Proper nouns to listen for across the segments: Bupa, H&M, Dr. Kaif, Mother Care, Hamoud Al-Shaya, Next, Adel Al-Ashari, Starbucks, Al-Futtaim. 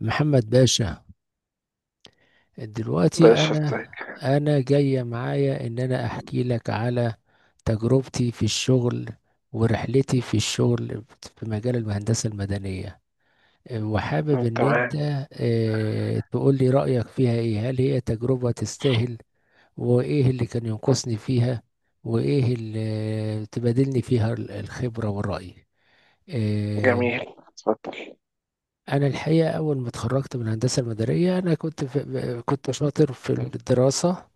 محمد باشا، دلوقتي باشا، انا ازيك؟ انا جاية معايا ان انا احكي لك على تجربتي في الشغل ورحلتي في الشغل في مجال الهندسة المدنية، وحابب ان تمام. انت تقول لي رأيك فيها ايه. هل هي تجربة تستاهل؟ وايه اللي كان ينقصني فيها؟ وايه اللي تبادلني فيها الخبرة والرأي؟ آه، جميل، اتفضل. انا الحقيقه اول ما اتخرجت من الهندسه المدنيه، انا كنت شاطر في الدراسه.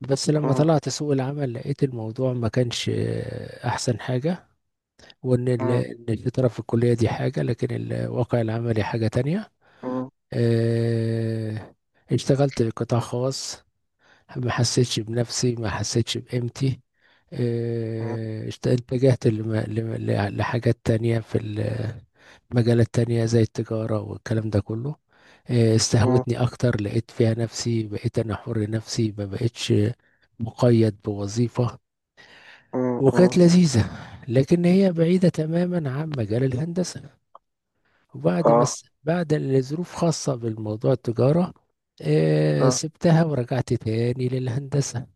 بس لما مم. طلعت سوق العمل لقيت الموضوع ما كانش احسن حاجه، مم. إن الشطاره في الكليه دي حاجه، لكن الواقع العملي حاجه تانية. مم. آه، اشتغلت قطاع خاص، ما حسيتش بنفسي، ما حسيتش بقيمتي. مم. اتجهت لحاجات تانية، مجالات تانية زي التجارة والكلام ده كله. مم. استهوتني أكتر، لقيت فيها نفسي، بقيت أنا حر نفسي، ما بقتش مقيد بوظيفة، مم. مم. وكانت لذيذة. لكن هي بعيدة تماما عن مجال الهندسة، وبعد ما اه. س- بعد الظروف خاصة بالموضوع التجارة، اه. سبتها ورجعت تاني للهندسة.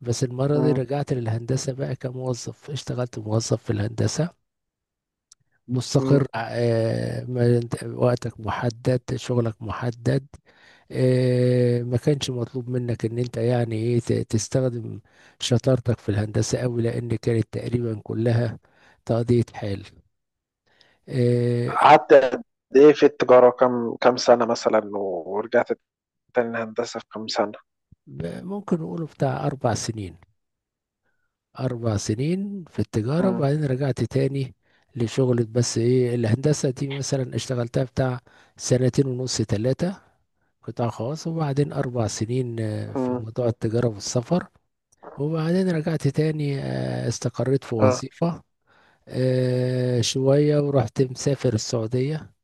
بس المرة دي مم. رجعت للهندسة بقى كموظف، اشتغلت موظف في الهندسة، مم. مستقر. ما انت وقتك محدد، شغلك محدد. ما كانش مطلوب منك ان انت يعني ايه تستخدم شطارتك في الهندسة قوي، لان كانت تقريبا كلها تقضية حال. آه، قعدت قد ايه في التجارة، كم سنة مثلا ورجعت تاني الهندسة في كم سنة؟ ممكن نقوله بتاع 4 سنين، 4 سنين في التجارة، مم. وبعدين رجعت تاني لشغلة. بس إيه، الهندسة دي مثلا اشتغلتها بتاع سنتين ونص، تلاتة، قطاع خاص، وبعدين 4 سنين في مم. موضوع التجارة والسفر، وبعدين رجعت تاني. استقريت في اه. وظيفة شوية، ورحت مسافر السعودية.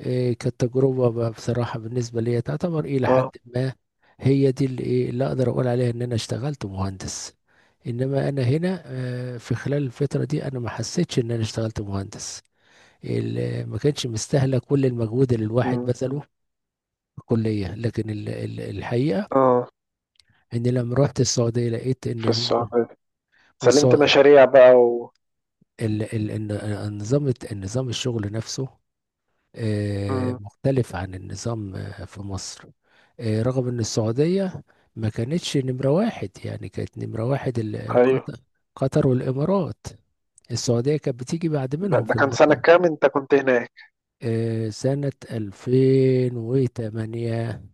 كانت تجربة بقى بصراحة بالنسبة لي، تعتبر إلى حد اه. ما هي دي اللي، إيه، اللي أقدر أقول عليها إن أنا اشتغلت مهندس. إنما أنا هنا في خلال الفترة دي أنا ما حسيتش إن أنا اشتغلت مهندس. ما كانش مستاهلة كل المجهود اللي الواحد مم. بذله في الكلية. لكن الحقيقة اه، إن لما رحت السعودية لقيت إن في هم. السعودية سلمت والسع- مشاريع بقى و... ال- ال- إن- النظام الشغل نفسه مم. مختلف عن النظام في مصر. رغم ان السعودية ما كانتش نمرة واحد، يعني كانت نمرة واحد ايوه. قطر، قطر والامارات. السعودية كانت بتيجي بعد ده, منهم ده في كان سنة المرتبة. كام انت كنت هناك؟ سنة 2008،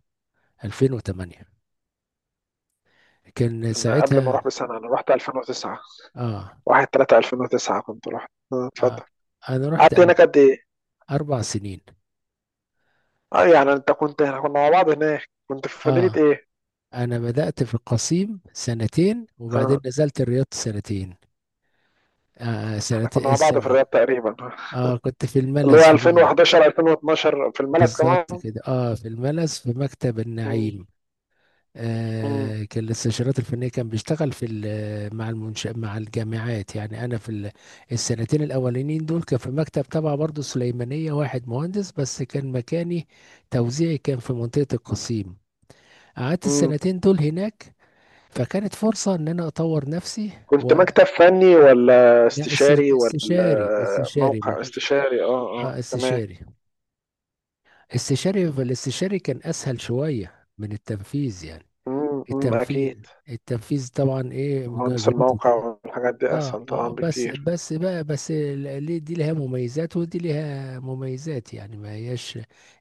2008 كان انا قبل ما ساعتها. اروح بسنة، انا رحت 2009. اه, 1 3 2009 كنت رحت. آه اتفضل. انا رحت قعدت هناك قد ايه؟ 4 سنين. اه، يعني انت كنت احنا كنا مع بعض هناك، كنت في مدينة اه، ايه؟ انا بدأت في القصيم سنتين، وبعدين اه، نزلت الرياض سنتين. احنا كنا مع بعض في سنتين. الرياض تقريبا، اه، كنت في اللي الملز، هو في، 2011 2012 في الملس بالظبط كمان. كده، اه، في الملز في مكتب مم. النعيم. مم. كان الاستشارات الفنيه، كان بيشتغل في ال- مع المنش مع الجامعات، يعني انا السنتين الاولانيين دول كان في مكتب تبع برضه سليمانيه، واحد مهندس بس، كان مكاني توزيعي، كان في منطقه القصيم. قعدت مم. السنتين دول هناك، فكانت فرصه ان انا اطور نفسي. كنت و مكتب فني ولا لا، است- استشاري ولا استشاري استشاري ما موقع كانش. استشاري؟ اه. اه. اه، تمام. استشاري. الاستشاري كان اسهل شويه من التنفيذ يعني. مم. مم. التنفيذ اكيد. التنفيذ طبعا ايه، مهندس مجهود الموقع وكده. والحاجات دي اه، اسهل طبعا اه، بس بكتير. بس بقى، بس ليه دي لها مميزات ودي لها مميزات، يعني ما هياش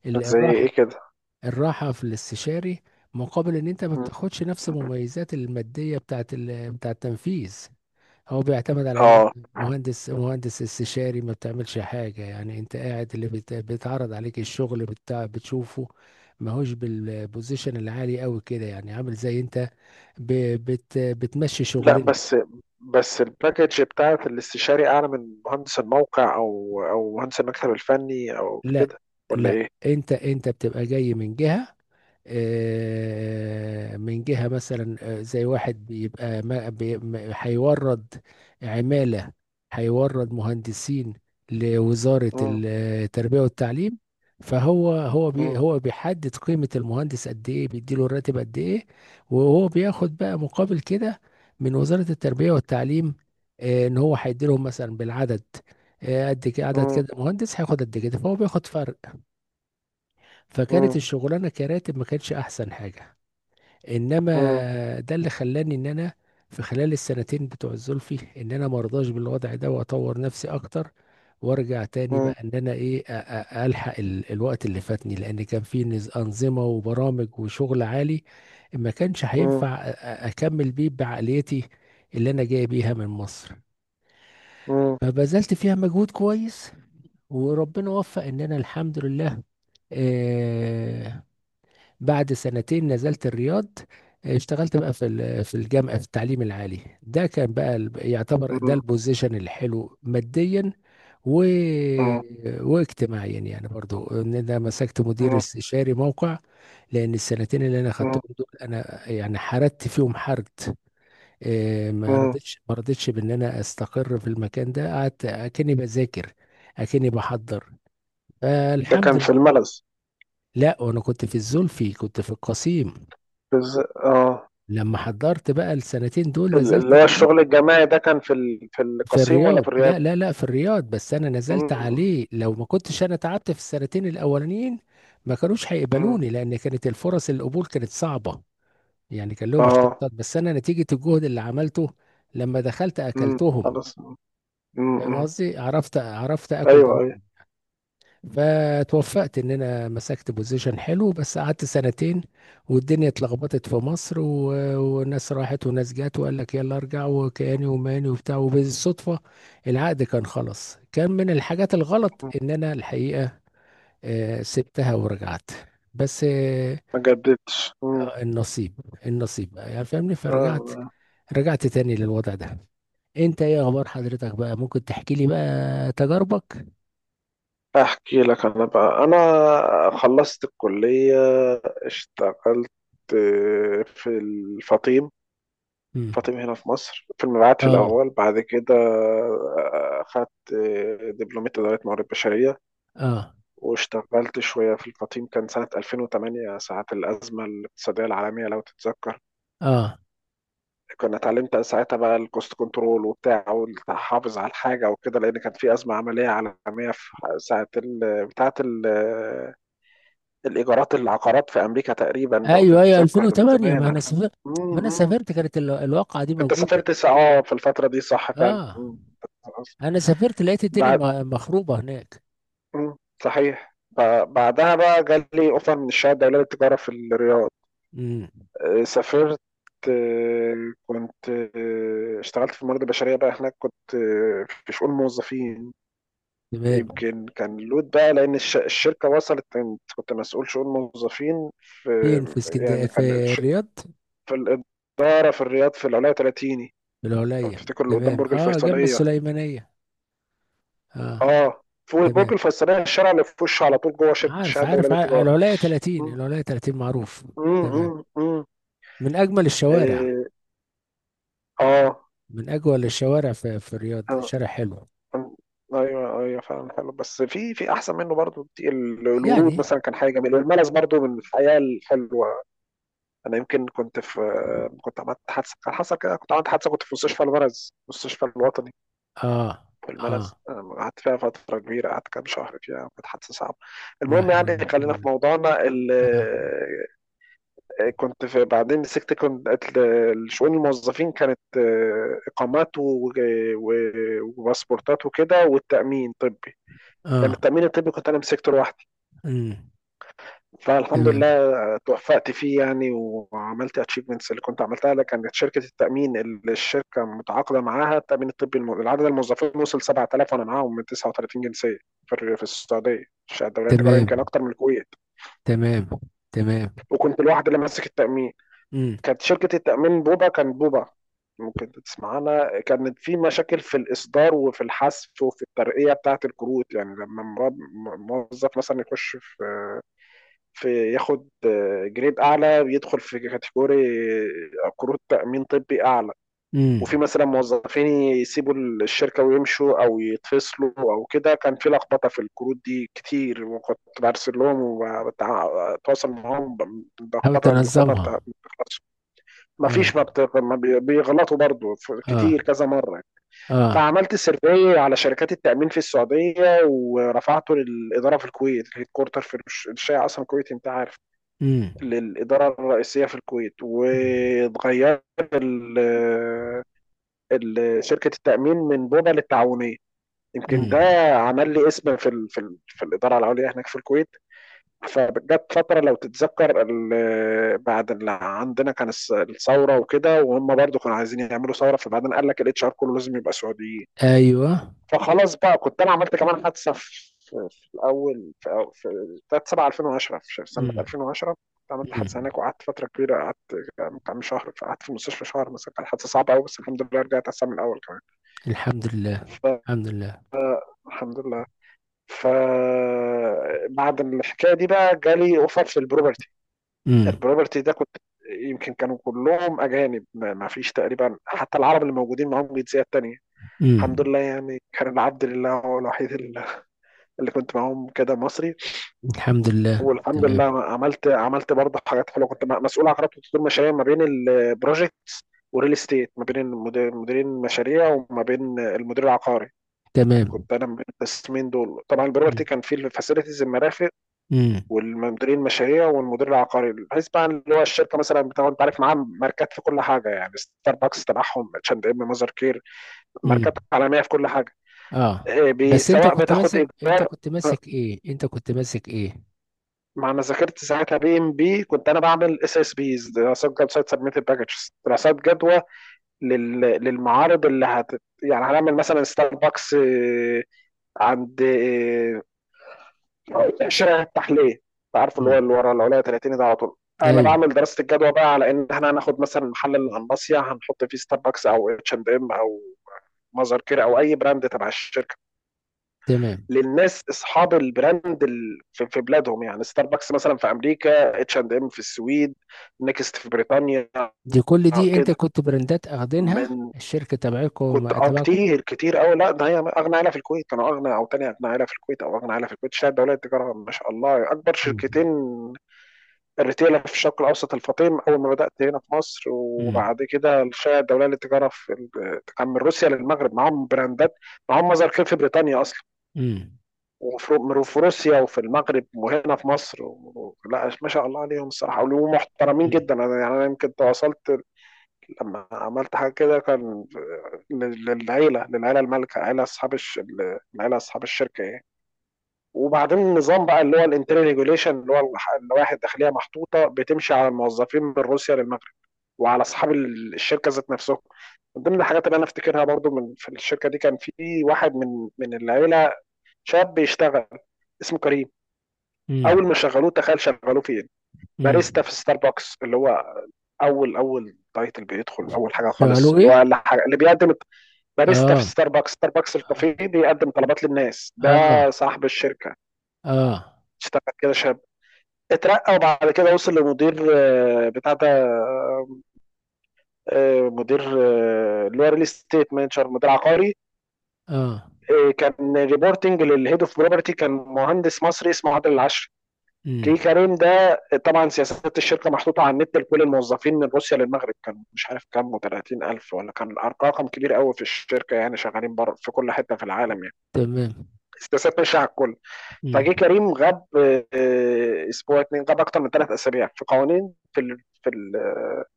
ال- زي الراحه ايه كده؟ الراحه في الاستشاري، مقابل ان انت ما مم. بتاخدش نفس المميزات الماديه بتاعت بتاع التنفيذ. هو بيعتمد على ان انت اه. مهندس استشاري ما بتعملش حاجه. يعني انت قاعد، اللي بيتعرض عليك الشغل بتاع بتشوفه. ماهوش بالبوزيشن العالي قوي كده، يعني عامل زي انت ب- بت بتمشي لا، شغلنا. بس الباكج بتاعت الاستشاري اعلى من مهندس الموقع او مهندس المكتب الفني او لا، كده، ولا لا، ايه؟ انت بتبقى جاي من جهه، من جهة مثلا، زي واحد بيبقى ما بي- ما- هيورد عمالة، هيورد مهندسين لوزارة مم. التربية والتعليم. فهو هو مم. بي هو بيحدد قيمة المهندس قد ايه، بيديله الراتب قد ايه، وهو بياخد بقى مقابل كده من وزارة التربية والتعليم. ان هو هيديلهم مثلا بالعدد، قد كده عدد، مم. كده مهندس هياخد قد كده، فهو بياخد فرق. فكانت مم. الشغلانة كراتب ما كانتش احسن حاجة، انما ده اللي خلاني ان انا في خلال السنتين بتوع الزلفي ان انا مرضاش بالوضع ده، واطور نفسي اكتر، وارجع تاني مم. بقى ان انا ايه، الحق الوقت اللي فاتني، لان كان في انظمه وبرامج وشغل عالي، ما كانش مم. مم. هينفع اكمل بيه بعقليتي اللي انا جاي بيها من مصر. مم. فبذلت فيها مجهود كويس، وربنا وفق ان انا الحمد لله. آه، بعد سنتين نزلت الرياض، اشتغلت بقى في الجامعة في التعليم العالي. ده كان بقى يعتبر ده مم. البوزيشن الحلو ماديا و... مم. واجتماعيا، يعني برضو ان انا مسكت مدير مم. استشاري موقع، لان السنتين اللي انا مم. خدتهم دول انا يعني حردت فيهم حرد. ما مم. رضيتش ما رضيتش بان انا استقر في المكان ده. قعدت اكني بذاكر، اكني بحضر. ده الحمد كان في لله. الملز؟ لا، وانا كنت في الزلفي، كنت في القصيم. بز... اه. لما حضرت بقى السنتين دول نزلت اللي هو الرياض. الشغل الجماعي ده كان في ال... في في القصيم ولا الرياض، في الرياض؟ لا، لا، لا، في الرياض، بس انا نزلت مم. عليه. لو ما كنتش انا تعبت في السنتين الاولانيين ما كانوش مم. هيقبلوني، لان كانت الفرص، القبول كانت صعبة، يعني كان لهم اه. اشتراطات. بس انا نتيجة الجهد اللي عملته، لما دخلت مم. اكلتهم. خلاص. مم. فاهم مم. قصدي؟ عرفت اكل ايوه. دماغ. ايوه. فتوفقت ان انا مسكت بوزيشن حلو، بس قعدت سنتين، والدنيا اتلخبطت في مصر وناس راحت وناس جت، وقال لك يلا ارجع، وكياني وماني وبتاع، وبالصدفة العقد كان خلص. كان من الحاجات الغلط مم. ان انا الحقيقة، سبتها ورجعت. بس ما جددتش. مم. النصيب النصيب بقى، يعني فاهمني. فرجعت، اه. رجعت تاني للوضع ده. انت ايه اخبار حضرتك بقى؟ ممكن تحكي لي بقى تجاربك. احكي لك انا بقى. انا خلصت الكلية، اشتغلت في الفطيم. مم. فاطم هنا في مصر في المبيعات في اه. الاول. بعد كده اخدت دبلومية ادارة موارد بشرية، اه. واشتغلت شوية في الفطيم. كان سنة 2008 ساعة الازمة الاقتصادية العالمية، لو تتذكر. اه. كنا اتعلمت ساعتها بقى الكوست كنترول وبتاع والتحافظ على الحاجة وكده، لأن كان في أزمة عملية عالمية في ساعة بتاعة الإيجارات العقارات في أمريكا تقريبا، لو ايوه، ايوه، تتذكر ده من 2008. زمان، ما انا عارفة؟ سافرت مم. ما انا مم. سافرت كانت الواقعه دي أنت موجوده. سافرت اه في الفترة دي، صح فعلا. اه، مم. انا سافرت لقيت الدنيا بعد. مخروبه هناك. مم. صحيح، بعدها بقى جالي أوفر من الشهادة الدولية للتجارة في الرياض. امم. سافرت. كنت اشتغلت في الموارد البشرية بقى هناك، كنت في شؤون موظفين. تمام. يمكن كان لود بقى لأن الشركة وصلت. كنت كنت مسؤول شؤون موظفين في... فين، في اسكندريه، يعني كان في الرياض؟ في الإدارة في الرياض في العلاية 30، في لو العليا، تفتكر، اللي قدام تمام. برج اه، جنب الفيصلية. السليمانيه. اه، اه. فوق برج تمام. الفيصلية الشارع اللي في وشه على طول، جوه شركة الشحن عارف، الدولية عارف، عارف. للتجارة. العليا 30، مم. العليا 30 معروف. مم. مم. تمام. مم. من اجمل الشوارع إيه. اه. من اجمل الشوارع في, الرياض آه. شارع حلو ايوه، ايوه، فعلا حلو، بس في احسن منه برضو كتير. الورود يعني. مثلا كان حاجه جميله، والملز برضو من الحياه الحلوه. انا يمكن كنت عملت حادثه. كان حصل كده، كنت عملت حادثه، كنت في مستشفى الملز، مستشفى الوطني اه، في اه، الملز. قعدت فيها فترة كبيرة، قعدت كام شهر فيها، كانت حادثة صعبة. لا المهم حول ولا قوه يعني إلا خلينا بالله. في موضوعنا اه. كنت في بعدين مسكت. كنت شؤون الموظفين كانت إقامات وباسبورتات وكده، والتأمين طبي. كان اه. التأمين الطبي كنت أنا مسكته لوحدي. امم. فالحمد تمام. لله توفقت فيه يعني، وعملت اتشيفمنتس اللي كنت عملتها لك. كانت شركه التامين اللي الشركه متعاقده معاها التامين الطبي العدد الموظفين وصل 7,000، وانا معاهم من 39 جنسيه في السعوديه. شهادة الدوليه التجاريه يمكن تمام. اكتر من الكويت. تمام. تمام. وكنت الواحد اللي ماسك التامين. امم. كانت شركه التامين بوبا، كانت بوبا. ممكن تسمعنا، كانت في مشاكل في الإصدار وفي الحذف وفي الترقية بتاعة الكروت يعني. لما موظف مثلا يخش في ياخد جريد اعلى، بيدخل في كاتيجوري كروت تامين طبي اعلى. وفي امم. مثلا موظفين يسيبوا الشركه ويمشوا او يتفصلوا او كده، كان في لخبطه في الكروت دي كتير، وكنت برسل لهم وبتواصل معاهم. حاول بلخبطه، اللخبطه ما تنظمها. بتخلصش. ما فيش، ما, اه. بت... ما بي- بيغلطوا برضو اه. كتير كذا مره. اه. فعملت سيرفي على شركات التامين في السعوديه ورفعته للاداره في الكويت، الهيد كورتر في الشيعة اصلا الكويت، انت عارف. امم. للإدارة الرئيسية في الكويت. وتغير شركة التأمين من بوبا للتعاونية. يمكن ده امم. عمل لي اسم في ال في, ال في الإدارة العليا هناك في الكويت. فجت فترة، لو تتذكر، بعد اللي عندنا كان الثورة وكده، وهم برضو كانوا عايزين يعملوا ثورة. فبعدين قال لك الاتش ار كله لازم يبقى سعودي. ايوه. فخلاص بقى، كنت انا عملت كمان حادثه في الاول في في 3 7 2010 في سنه امم. 2010. كنت عملت حادثه امم. هناك وقعدت فتره كبيره، قعدت كام شهر، قعدت في المستشفى شهر مثلا، كانت حادثه صعبه قوي. بس الحمد لله رجعت احسن من الاول كمان. الحمد لله. الحمد لله. فالحمد لله. فبعد الحكايه دي بقى جالي اوفر في البروبرتي. امم. البروبرتي ده كنت يمكن كانوا كلهم اجانب، ما فيش تقريبا حتى العرب اللي موجودين معاهم جنسيات تانية. الحمد امم. لله يعني، كان العبد لله هو الوحيد اللي كنت معاهم كده مصري. الحمد لله. والحمد لله. تمام. عملت برضه حاجات حلوه. كنت مسؤول عن خدمه تطوير مشاريع ما بين البروجكت والريل استيت، ما بين مديرين المشاريع وما بين المدير العقاري. تمام. كنت انا من القسمين دول. طبعا البروبرتي كان فيه الفاسيلتيز المرافق امم. والمديرين المشاريع والمدير العقاري. بحيث بقى اللي هو الشركه مثلا بتاع، انت عارف، معاها ماركات في كل حاجه يعني. ستاربكس تبعهم، اتش اند ام، ماذر كير، ماركات امم. عالميه في كل حاجه. اه. إيه، بس سواء بتاخد ايجار انت كنت ماسك ايه؟ ما انا ذاكرت ساعتها. BMP، كنت انا بعمل SSBs، دراسات جدوى، سايت سبميتد باكجز، دراسات جدوى للمعارض اللي يعني هنعمل مثلا ستاربكس عند شارع التحليه، انت عارف، اللي هو امم. اللي ورا العليا 30 ده على طول. انا ايوه. بعمل دراسه الجدوى بقى على ان احنا هناخد مثلا محل القنباصيه هنحط فيه ستاربكس او اتش اند ام او مازر كير او اي براند تبع الشركه، تمام. للناس اصحاب البراند في بلادهم يعني. ستاربكس مثلا في امريكا، اتش اند ام في السويد، نيكست في بريطانيا. دي كل دي، انت كده كنت براندات اخدينها من... الشركة كنت تبعكم، اه تبعكم؟ كتير كتير قوي، لا ده هي اغنى عيله في الكويت. كانوا اغنى او تاني اغنى عيله في الكويت او اغنى عيله في الكويت شهادة دولية التجاره، ما شاء الله. اكبر مم. شركتين الريتيل في الشرق الاوسط: الفطيم، اول ما بدات هنا في مصر، مم. وبعد كده الشهادة الدولية للتجاره في كان من روسيا للمغرب معاهم براندات. معاهم مظهر خير في بريطانيا اصلا، مم. وفي روسيا وفي المغرب وهنا في مصر و... لا ما شاء الله عليهم الصراحه، ومحترمين مم. جدا. انا يعني انا يمكن تواصلت لما عملت حاجه كده كان للعيله المالكه، عيله اصحاب العيله اصحاب الشركه يعني. وبعدين النظام بقى اللي هو الانترنال ريجوليشن، اللي هو اللوائح الداخليه، محطوطه بتمشي على الموظفين من روسيا للمغرب وعلى اصحاب الشركه ذات نفسهم. من ضمن الحاجات اللي انا افتكرها برضو من في الشركه دي، كان في واحد من العيله شاب بيشتغل، اسمه كريم. مم. اول ما شغلوه تخيل شغلوه فين؟ باريستا مم. في ستاربكس، اللي هو اول اول تايتل بيدخل، اول حاجه خالص، شغلوه اللي هو ايه؟ اقل حاجه اللي بيقدم. باريستا في اه. ستاربكس، ستاربكس الكافيه بيقدم طلبات للناس ده. اه. صاحب الشركه اه. اشتغل كده شاب، اترقى وبعد كده وصل لمدير بتاع ده، مدير اللي هو ريل استيت مانجر، مدير عقاري. اه. كان ريبورتنج للهيد اوف بروبرتي، كان مهندس مصري اسمه عادل العشر. مم. كي كريم ده طبعا، سياسات الشركه محطوطه على النت لكل الموظفين من روسيا للمغرب، كان مش عارف كام و30 الف ولا كان، رقم كبير قوي في الشركه يعني، شغالين بره في كل حته في العالم يعني. تمام. سياسات ماشيه على الكل. مم. فجه كريم غاب اسبوع اتنين، غاب اكتر من ثلاث اسابيع. في قوانين في في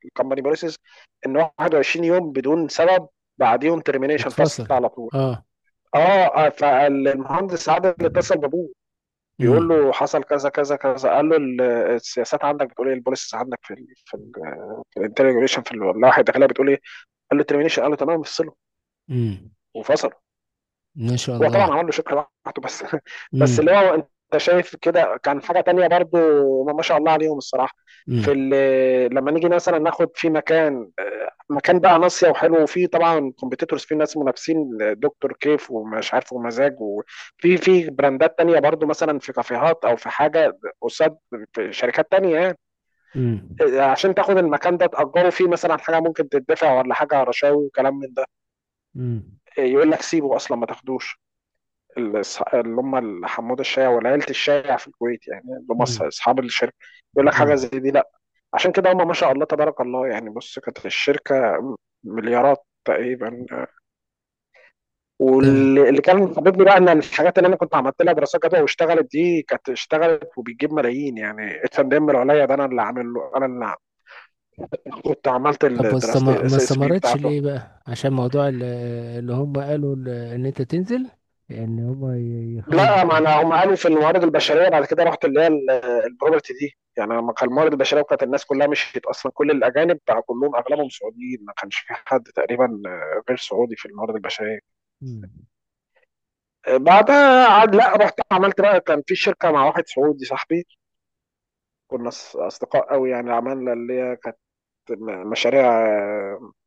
الكومباني بوليسز ان 21 يوم بدون سبب بعديهم ترمينيشن، فصل يتفصل. على طول. اه. اه. فالمهندس عادل اتصل بابوه، بيقول مم. له حصل كذا كذا كذا. قال له السياسات عندك بتقول ايه؟ البوليسز عندك في ال في الانتريجريشن في اللوائح الداخليه بتقول ايه؟ قال له ترمينيشن، قال له تمام افصله. مم. وفصله. ما شاء هو الله. طبعا عمل له شكل لوحده بس بس اللي مم. هو انت شايف كده كان حاجه تانية برضو. ما شاء الله عليهم الصراحه. في مم. لما نيجي مثلا ناخد في مكان مكان بقى ناصيه وحلو، وفيه طبعا كومبيتيتورز، فيه ناس منافسين دكتور كيف ومش عارف ومزاج، وفي في براندات تانية برضو مثلا في كافيهات او في حاجه قصاد في شركات تانية يعني. مم. عشان تاخد المكان ده تأجره، فيه مثلا حاجه ممكن تدفع ولا حاجه رشاوي وكلام من ده، مم. يقول لك سيبه اصلا ما تاخدوش. اللي هم حمود الشايع والعيلة الشايع في الكويت، يعني اللي هم مم. أصحاب الشركة، يقول لك حاجة زي مم. دي لا. عشان كده هم ما شاء الله تبارك الله يعني. بص كانت الشركة مليارات تقريبا. تمام. واللي كان حبيبني بقى ان الحاجات اللي انا كنت عملت لها دراسات جدوى واشتغلت دي كانت اشتغلت وبتجيب ملايين يعني. اتش اند ام العليا ده انا اللي عامل له، انا اللي عامل. كنت عملت طب دراسة واستم-، ما SSB استمرتش بتاعته. ليه بقى؟ عشان موضوع اللي هم قالوا ان انت تنزل، ان هم يخلوا لا، ما انا هم المصابين؟ قالوا في الموارد البشريه بعد كده رحت اللي هي البروبرتي دي، يعني لما كان الموارد البشريه. وكانت الناس كلها مشيت اصلا، كل الاجانب بقى كلهم اغلبهم سعوديين، ما كانش في حد تقريبا غير سعودي في الموارد البشريه. مم. بعدها عاد لا، رحت عملت بقى كان في شركه مع واحد سعودي صاحبي، كنا اصدقاء قوي يعني. عملنا اللي هي كانت مشاريع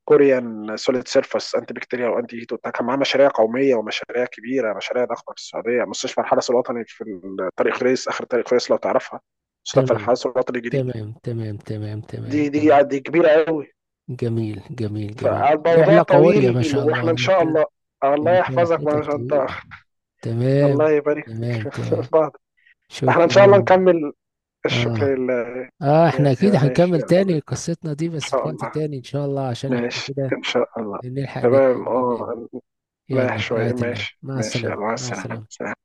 كوريان سوليد سيرفس انتي بكتيريا وانتي هيت وبتاع. كان معاه مشاريع قوميه ومشاريع كبيره، مشاريع ضخمه في السعوديه، مستشفى الحدث الوطني في طريق خريس، اخر طريق خريس، لو تعرفها، مستشفى تمام. الحدث الوطني الجديد. تمام. تمام. تمام. دي تمام. دي جميل. دي كبيره قوي. جميل. جميل. جميل. فالموضوع رحلة قوية ما طويل، شاء الله. واحنا ده ان شاء انت الله. ده الله انت يحفظك، ما رحلتك شاء انت طويلة. تمام. الله يبارك فيك تمام. تمام. بعض. احنا ان شاء الله شكرا. نكمل. الشكر اه. لله. اه، يا احنا يا اكيد ماشي هنكمل ان تاني قصتنا دي، بس شاء في وقت الله، تاني ان شاء الله، عشان احنا ماشي كده ان شاء الله. نلحق تمام. ننام. اه. رايح يلا، في شوية، رعاية الله، ماشي، مع ماشي، يلا، السلامة، مع مع السلامة، السلامة. سلام.